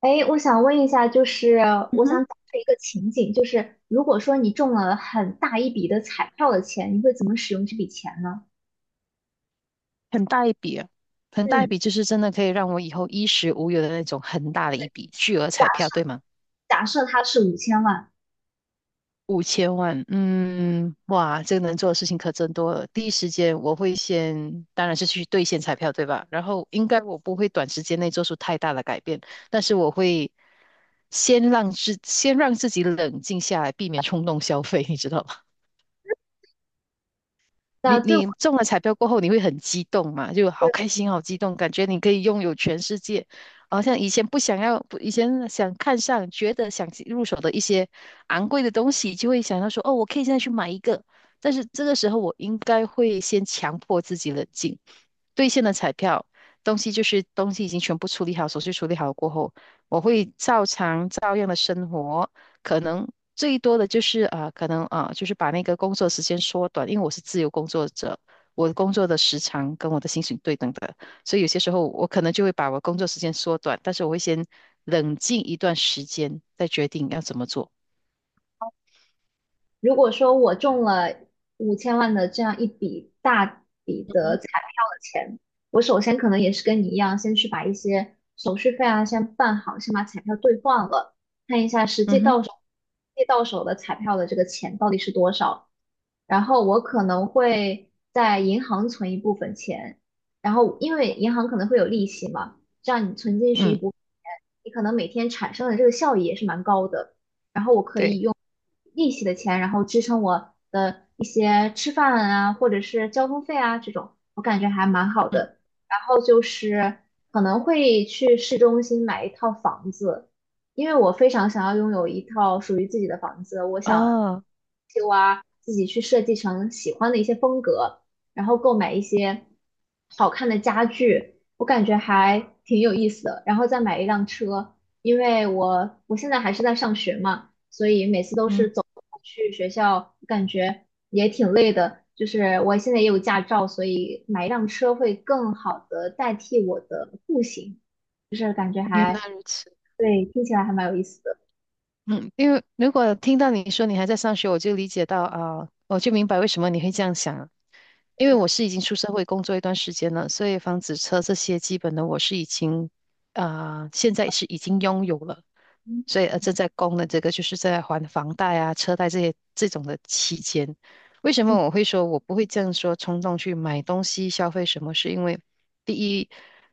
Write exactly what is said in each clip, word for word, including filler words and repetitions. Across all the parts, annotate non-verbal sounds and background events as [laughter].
哎，我想问一下，就是嗯我哼，想假设一个情景，就是如果说你中了很大一笔的彩票的钱，你会怎么使用这笔钱呢？很大一笔啊，很大一嗯，笔，就是真的可以让我以后衣食无忧的那种很大的一对，笔巨额彩票，对吗？假设它是五千万。五千万，嗯，哇，这个能做的事情可真多了。第一时间我会先，当然是去兑现彩票，对吧？然后应该我不会短时间内做出太大的改变，但是我会先让自先让自己冷静下来，避免冲动消费，你知道吗？那你对我你中了彩票过后，你会很激动嘛？就好是，开心，好激动，感觉你可以拥有全世界。好像以前不想要，不以前想看上，觉得想入手的一些昂贵的东西，就会想到说，哦，我可以现在去买一个。但是这个时候，我应该会先强迫自己冷静。兑现了彩票，东西就是东西已经全部处理好，手续处理好过后，我会照常照样的生活，可能最多的就是啊、呃可能啊、呃就是把那个工作时间缩短，因为我是自由工作者，我的工作的时长跟我的薪水对等的，所以有些时候我可能就会把我工作时间缩短，但是我会先冷静一段时间，再决定要怎么做。如果说我中了五千万的这样一笔大笔嗯的哼，彩票的钱，我首先可能也是跟你一样，先去把一些手续费啊先办好，先把彩票兑换了，看一下实际嗯哼，到手，实际到手的彩票的这个钱到底是多少。然后我可能会在银行存一部分钱，然后因为银行可能会有利息嘛，这样你存进去一嗯，部分钱，你可能每天产生的这个效益也是蛮高的，对，用利息的钱，然后支撑我的一些吃饭啊，或者是交通费啊这种，我感觉还蛮好嗯，的。然后就是可能会去市中心买一套房子，因为我非常想要拥有一套属于自己的房子，我想哦，就啊自己去设计成喜欢的一些风格，然后购买一些好看的家具，我感觉还挺有意思的，然后再买一辆车，因为我我现在还是在上学嘛。所以每次都是嗯，走路去学校，感觉也挺累的。就是我现在也有驾照，所以买一辆车会更好的代替我的步行。原来如此。对，听起来还蛮有意思的。嗯，因为如果听到你说你还在上学，我就理解到啊，我就明白为什么你会这样想了。因为我是已经出社会工作一段时间了，所以房子、车这些基本的我是已经啊、现在是已经拥有了，嗯所以呃正在供的这个就是在还房贷啊、车贷这些这种的期间，为什么嗯我会说我不会这样说冲动去买东西消费什么？是因为第一，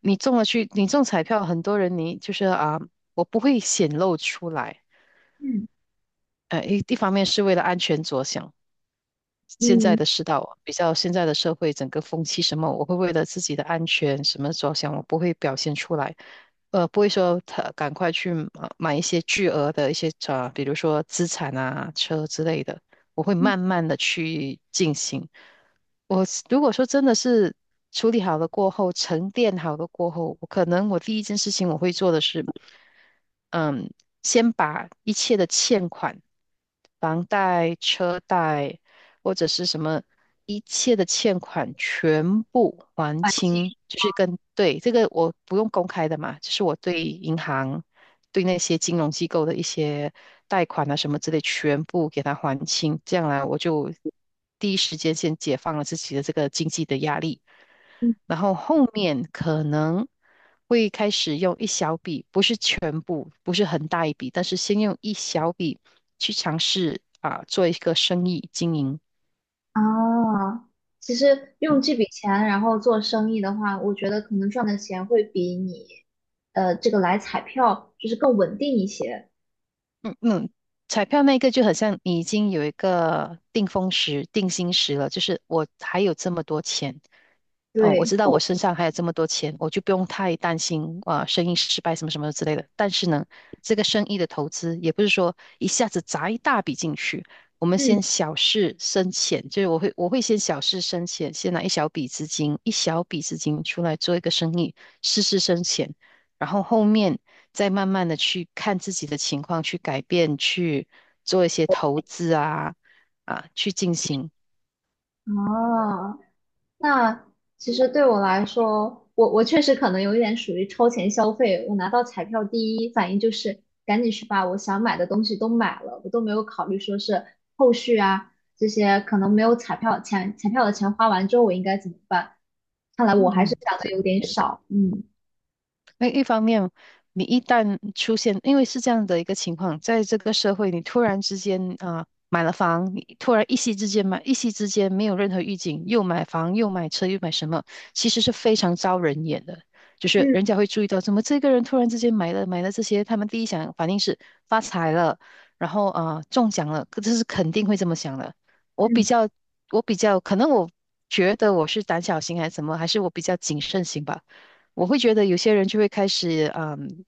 你中了去你中彩票，很多人你就是啊，我不会显露出来。嗯呃，一一方面是为了安全着想，现在嗯，的世道，比较现在的社会，整个风气什么，我会为了自己的安全什么着想，我不会表现出来，呃，不会说他赶快去呃买一些巨额的一些啊、呃比如说资产啊、车之类的，我会嗯，慢慢的去进行。我如果说真的是处理好了过后，沉淀好了过后，我可能我第一件事情我会做的是，嗯，先把一切的欠款、房贷、车贷，或者是什么一切的欠款全部还环清清，就是跟对这个我不用公开的嘛，就是我对银行、对那些金融机构的一些贷款啊什么之类，全部给他还清，这样来我就第一时间先解放了自己的这个经济的压力，然后后面可能，会开始用一小笔，不是全部，不是很大一笔，但是先用一小笔去尝试啊，做一个生意经营。啊，其实用这笔钱然后做生意的话，我觉得可能赚的钱会比你呃这个来彩票就是更稳定一些。嗯嗯，彩票那个就很像你已经有一个定风石、定心石了，就是我还有这么多钱，哦，我对，知道我身上还有这么多钱，我就不用太担心啊、呃生意失败什么什么之类的。但是呢，这个生意的投资也不是说一下子砸一大笔进去，我们嗯，先小试深浅，就是我会我会先小试深浅，先拿一小笔资金，一小笔资金出来做一个生意，试试深浅，然后后面再慢慢的去看自己的情况，去改变，去做一些投资啊啊，去进行。啊。那其实对我来说，我我确实可能有一点属于超前消费。我拿到彩票，第一反应就是赶紧去把我想买的东西都买了，我都没有考虑说是后续啊这些可能没有彩票钱，彩票的钱花完之后我应该怎么办？看来我还是嗯，想的这有点少。嗯那一方面，你一旦出现，因为是这样的一个情况，在这个社会，你突然之间啊、呃买了房，你突然一夕之间买，一夕之间没有任何预警，又买房又买车又买什么，其实是非常招人眼的。就是嗯人家会注意到，怎么这个人突然之间买了买了这些，他们第一想反应是发财了，然后啊、呃中奖了，可这是肯定会这么想的。我比嗯，较，我比较，可能我觉得我是胆小型还是什么，还是我比较谨慎型吧。我会觉得有些人就会开始嗯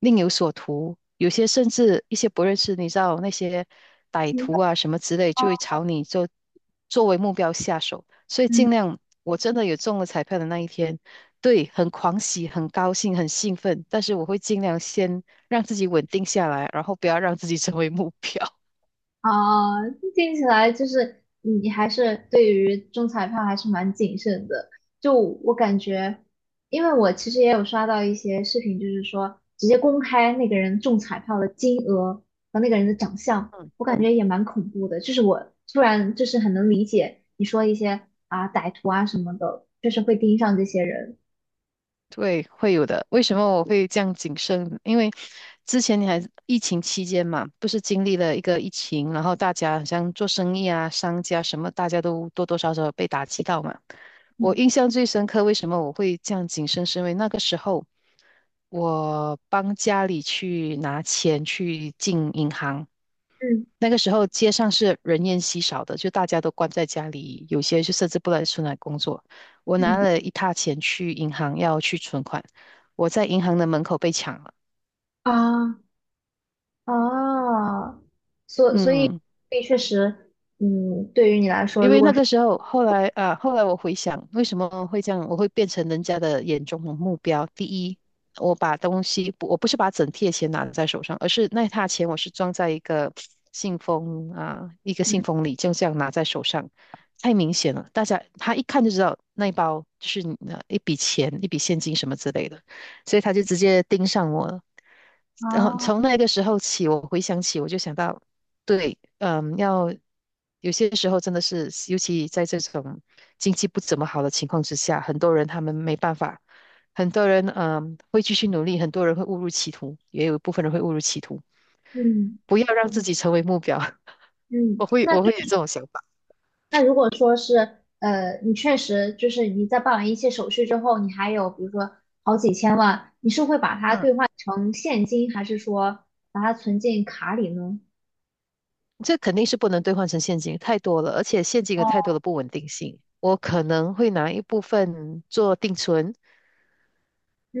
另有所图，有些甚至一些不认识，你知道那些歹徒嗯啊什么之类，就会朝你就作为目标下手。所以嗯尽量，我真的有中了彩票的那一天，对，很狂喜、很高兴、很兴奋，但是我会尽量先让自己稳定下来，然后不要让自己成为目标。啊，听起来就是你还是对于中彩票还是蛮谨慎的。就我感觉，因为我其实也有刷到一些视频，就是说直接公开那个人中彩票的金额和那个人的长相，我 [laughs] 感觉也蛮恐怖的。就是我突然就是很能理解你说一些啊歹徒啊什么的，就是会盯上这些人。对，会有的。为什么我会这样谨慎？因为之前你还疫情期间嘛，不是经历了一个疫情，然后大家好像做生意啊、商家什么，大家都多多少少被打击到嘛。我嗯印象最深刻，为什么我会这样谨慎？是因为那个时候我帮家里去拿钱去进银行，嗯那个时候街上是人烟稀少的，就大家都关在家里，有些就甚至不来出来工作。我拿嗯了一沓钱去银行要去存款，我在银行的门口被抢了。啊啊，所所以嗯，所以确实。嗯，对于你来说，因如为果。那个时候，后来啊，后来我回想，为什么会这样，我会变成人家的眼中的目标。第一，我把东西，我不是把整贴钱拿在手上，而是那沓钱我是装在一个信封啊，一个嗯，信封里，就这样拿在手上，太明显了，大家他一看就知道那一包就是你的一笔钱、一笔现金什么之类的，所以他就直接盯上我了。然后哦，从那个时候起，我回想起，我就想到，对，嗯，要有些时候真的是，尤其在这种经济不怎么好的情况之下，很多人他们没办法，很多人嗯会继续努力，很多人会误入歧途，也有一部分人会误入歧途。嗯不要让自己成为目标，[laughs] 嗯，我会我会有这种想法。那如果说是呃，你确实就是你在办完一切手续之后，你还有比如说好几千万，你是会把它嗯，兑换成现金，还是说把它存进卡里呢？这肯定是不能兑换成现金，太多了，而且现金有太多的不稳定性。我可能会拿一部分做定存，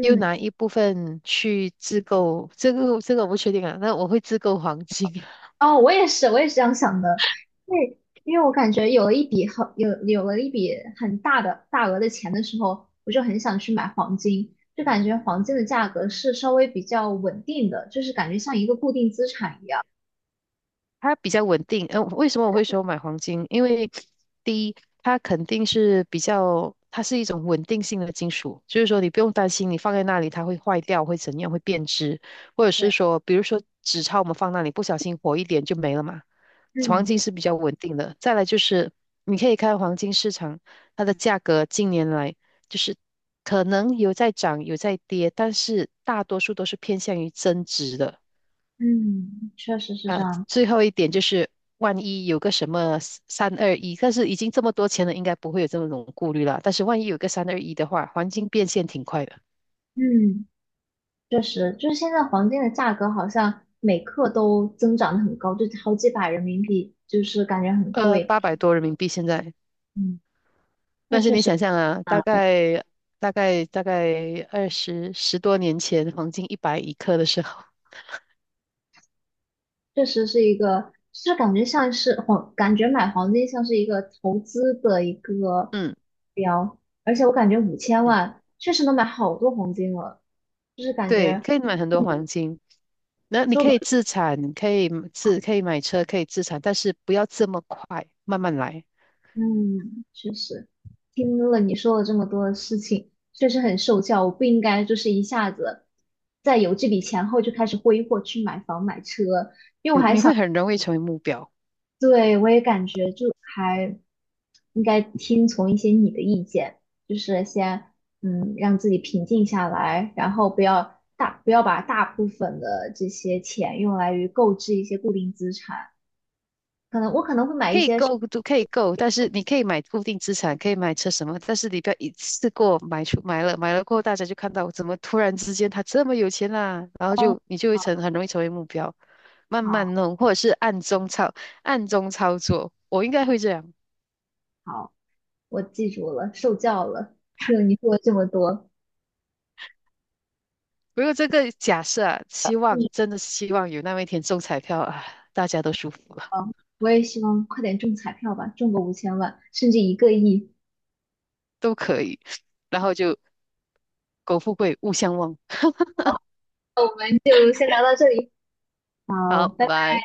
又拿一部分去自购，这个这个我不确定啊。那我会自购黄金，[laughs] 哦，我也是，我也是这样想的，因为因为我感觉有了一笔很有有了一笔很大的大额的钱的时候，我就很想去买黄金，就感觉黄金的价格是稍微比较稳定的，就是感觉像一个固定资产一样。它比较稳定。嗯、为什么我会说买黄金？因为第一，它肯定是比较，它是一种稳定性的金属，就是说你不用担心你放在那里它会坏掉，会怎样，会变质，或者对，是说，比如说纸钞我们放那里不小心火一点就没了嘛。黄嗯。金是比较稳定的。再来就是你可以看黄金市场，它的价格近年来就是可能有在涨有在跌，但是大多数都是偏向于增值的。嗯，确实是这呃，样。最后一点就是，万一有个什么三二一，但是已经这么多钱了，应该不会有这么种顾虑了。但是万一有个三二一的话，黄金变现挺快的，嗯，确实，就是现在黄金的价格好像每克都增长得很高，就好几百人民币，就是感觉很呃，贵。八百多人民币现在。嗯，那但是确你实，想象啊，大概大概大概二十十多年前，黄金一百一克的时候，确实是一个，就是感觉像是黄，感觉买黄金像是一个投资的一个嗯标，而且我感觉五千嗯，万确实能买好多黄金了，就是感对，觉。可以买很多黄金。那你可以自产，可以自可以买车，可以自产，但是不要这么快，慢慢来。嗯，确实，听了你说了这么多的事情，确实很受教。我不应该就是一下子在有这笔钱后就开始挥霍去买房买车。你你会很容易成为目标。对，我也感觉就还应该听从一些你的意见，就是先嗯让自己平静下来，然后不要大不要把大部分的这些钱用来于购置一些固定资产。可能我可能会买可一以些。够都可以够，但是你可以买固定资产，可以买车什么，但是你不要一次过买出买了，买了过后大家就看到怎么突然之间他这么有钱啦、然后就你就会成很容易成为目标，慢慢好弄或者是暗中操暗中操作，我应该会这样。好。我记住了，受教了。听了你说了这么多。不过这个假设啊，希嗯，望真的希望有那么一天中彩票啊，大家都舒服了，好，我也希望快点中彩票吧，中个五千万，甚至一个亿。都可以，然后就苟富贵，勿相忘。[laughs] 那我们就先聊到这里，好，好，拜拜拜。拜。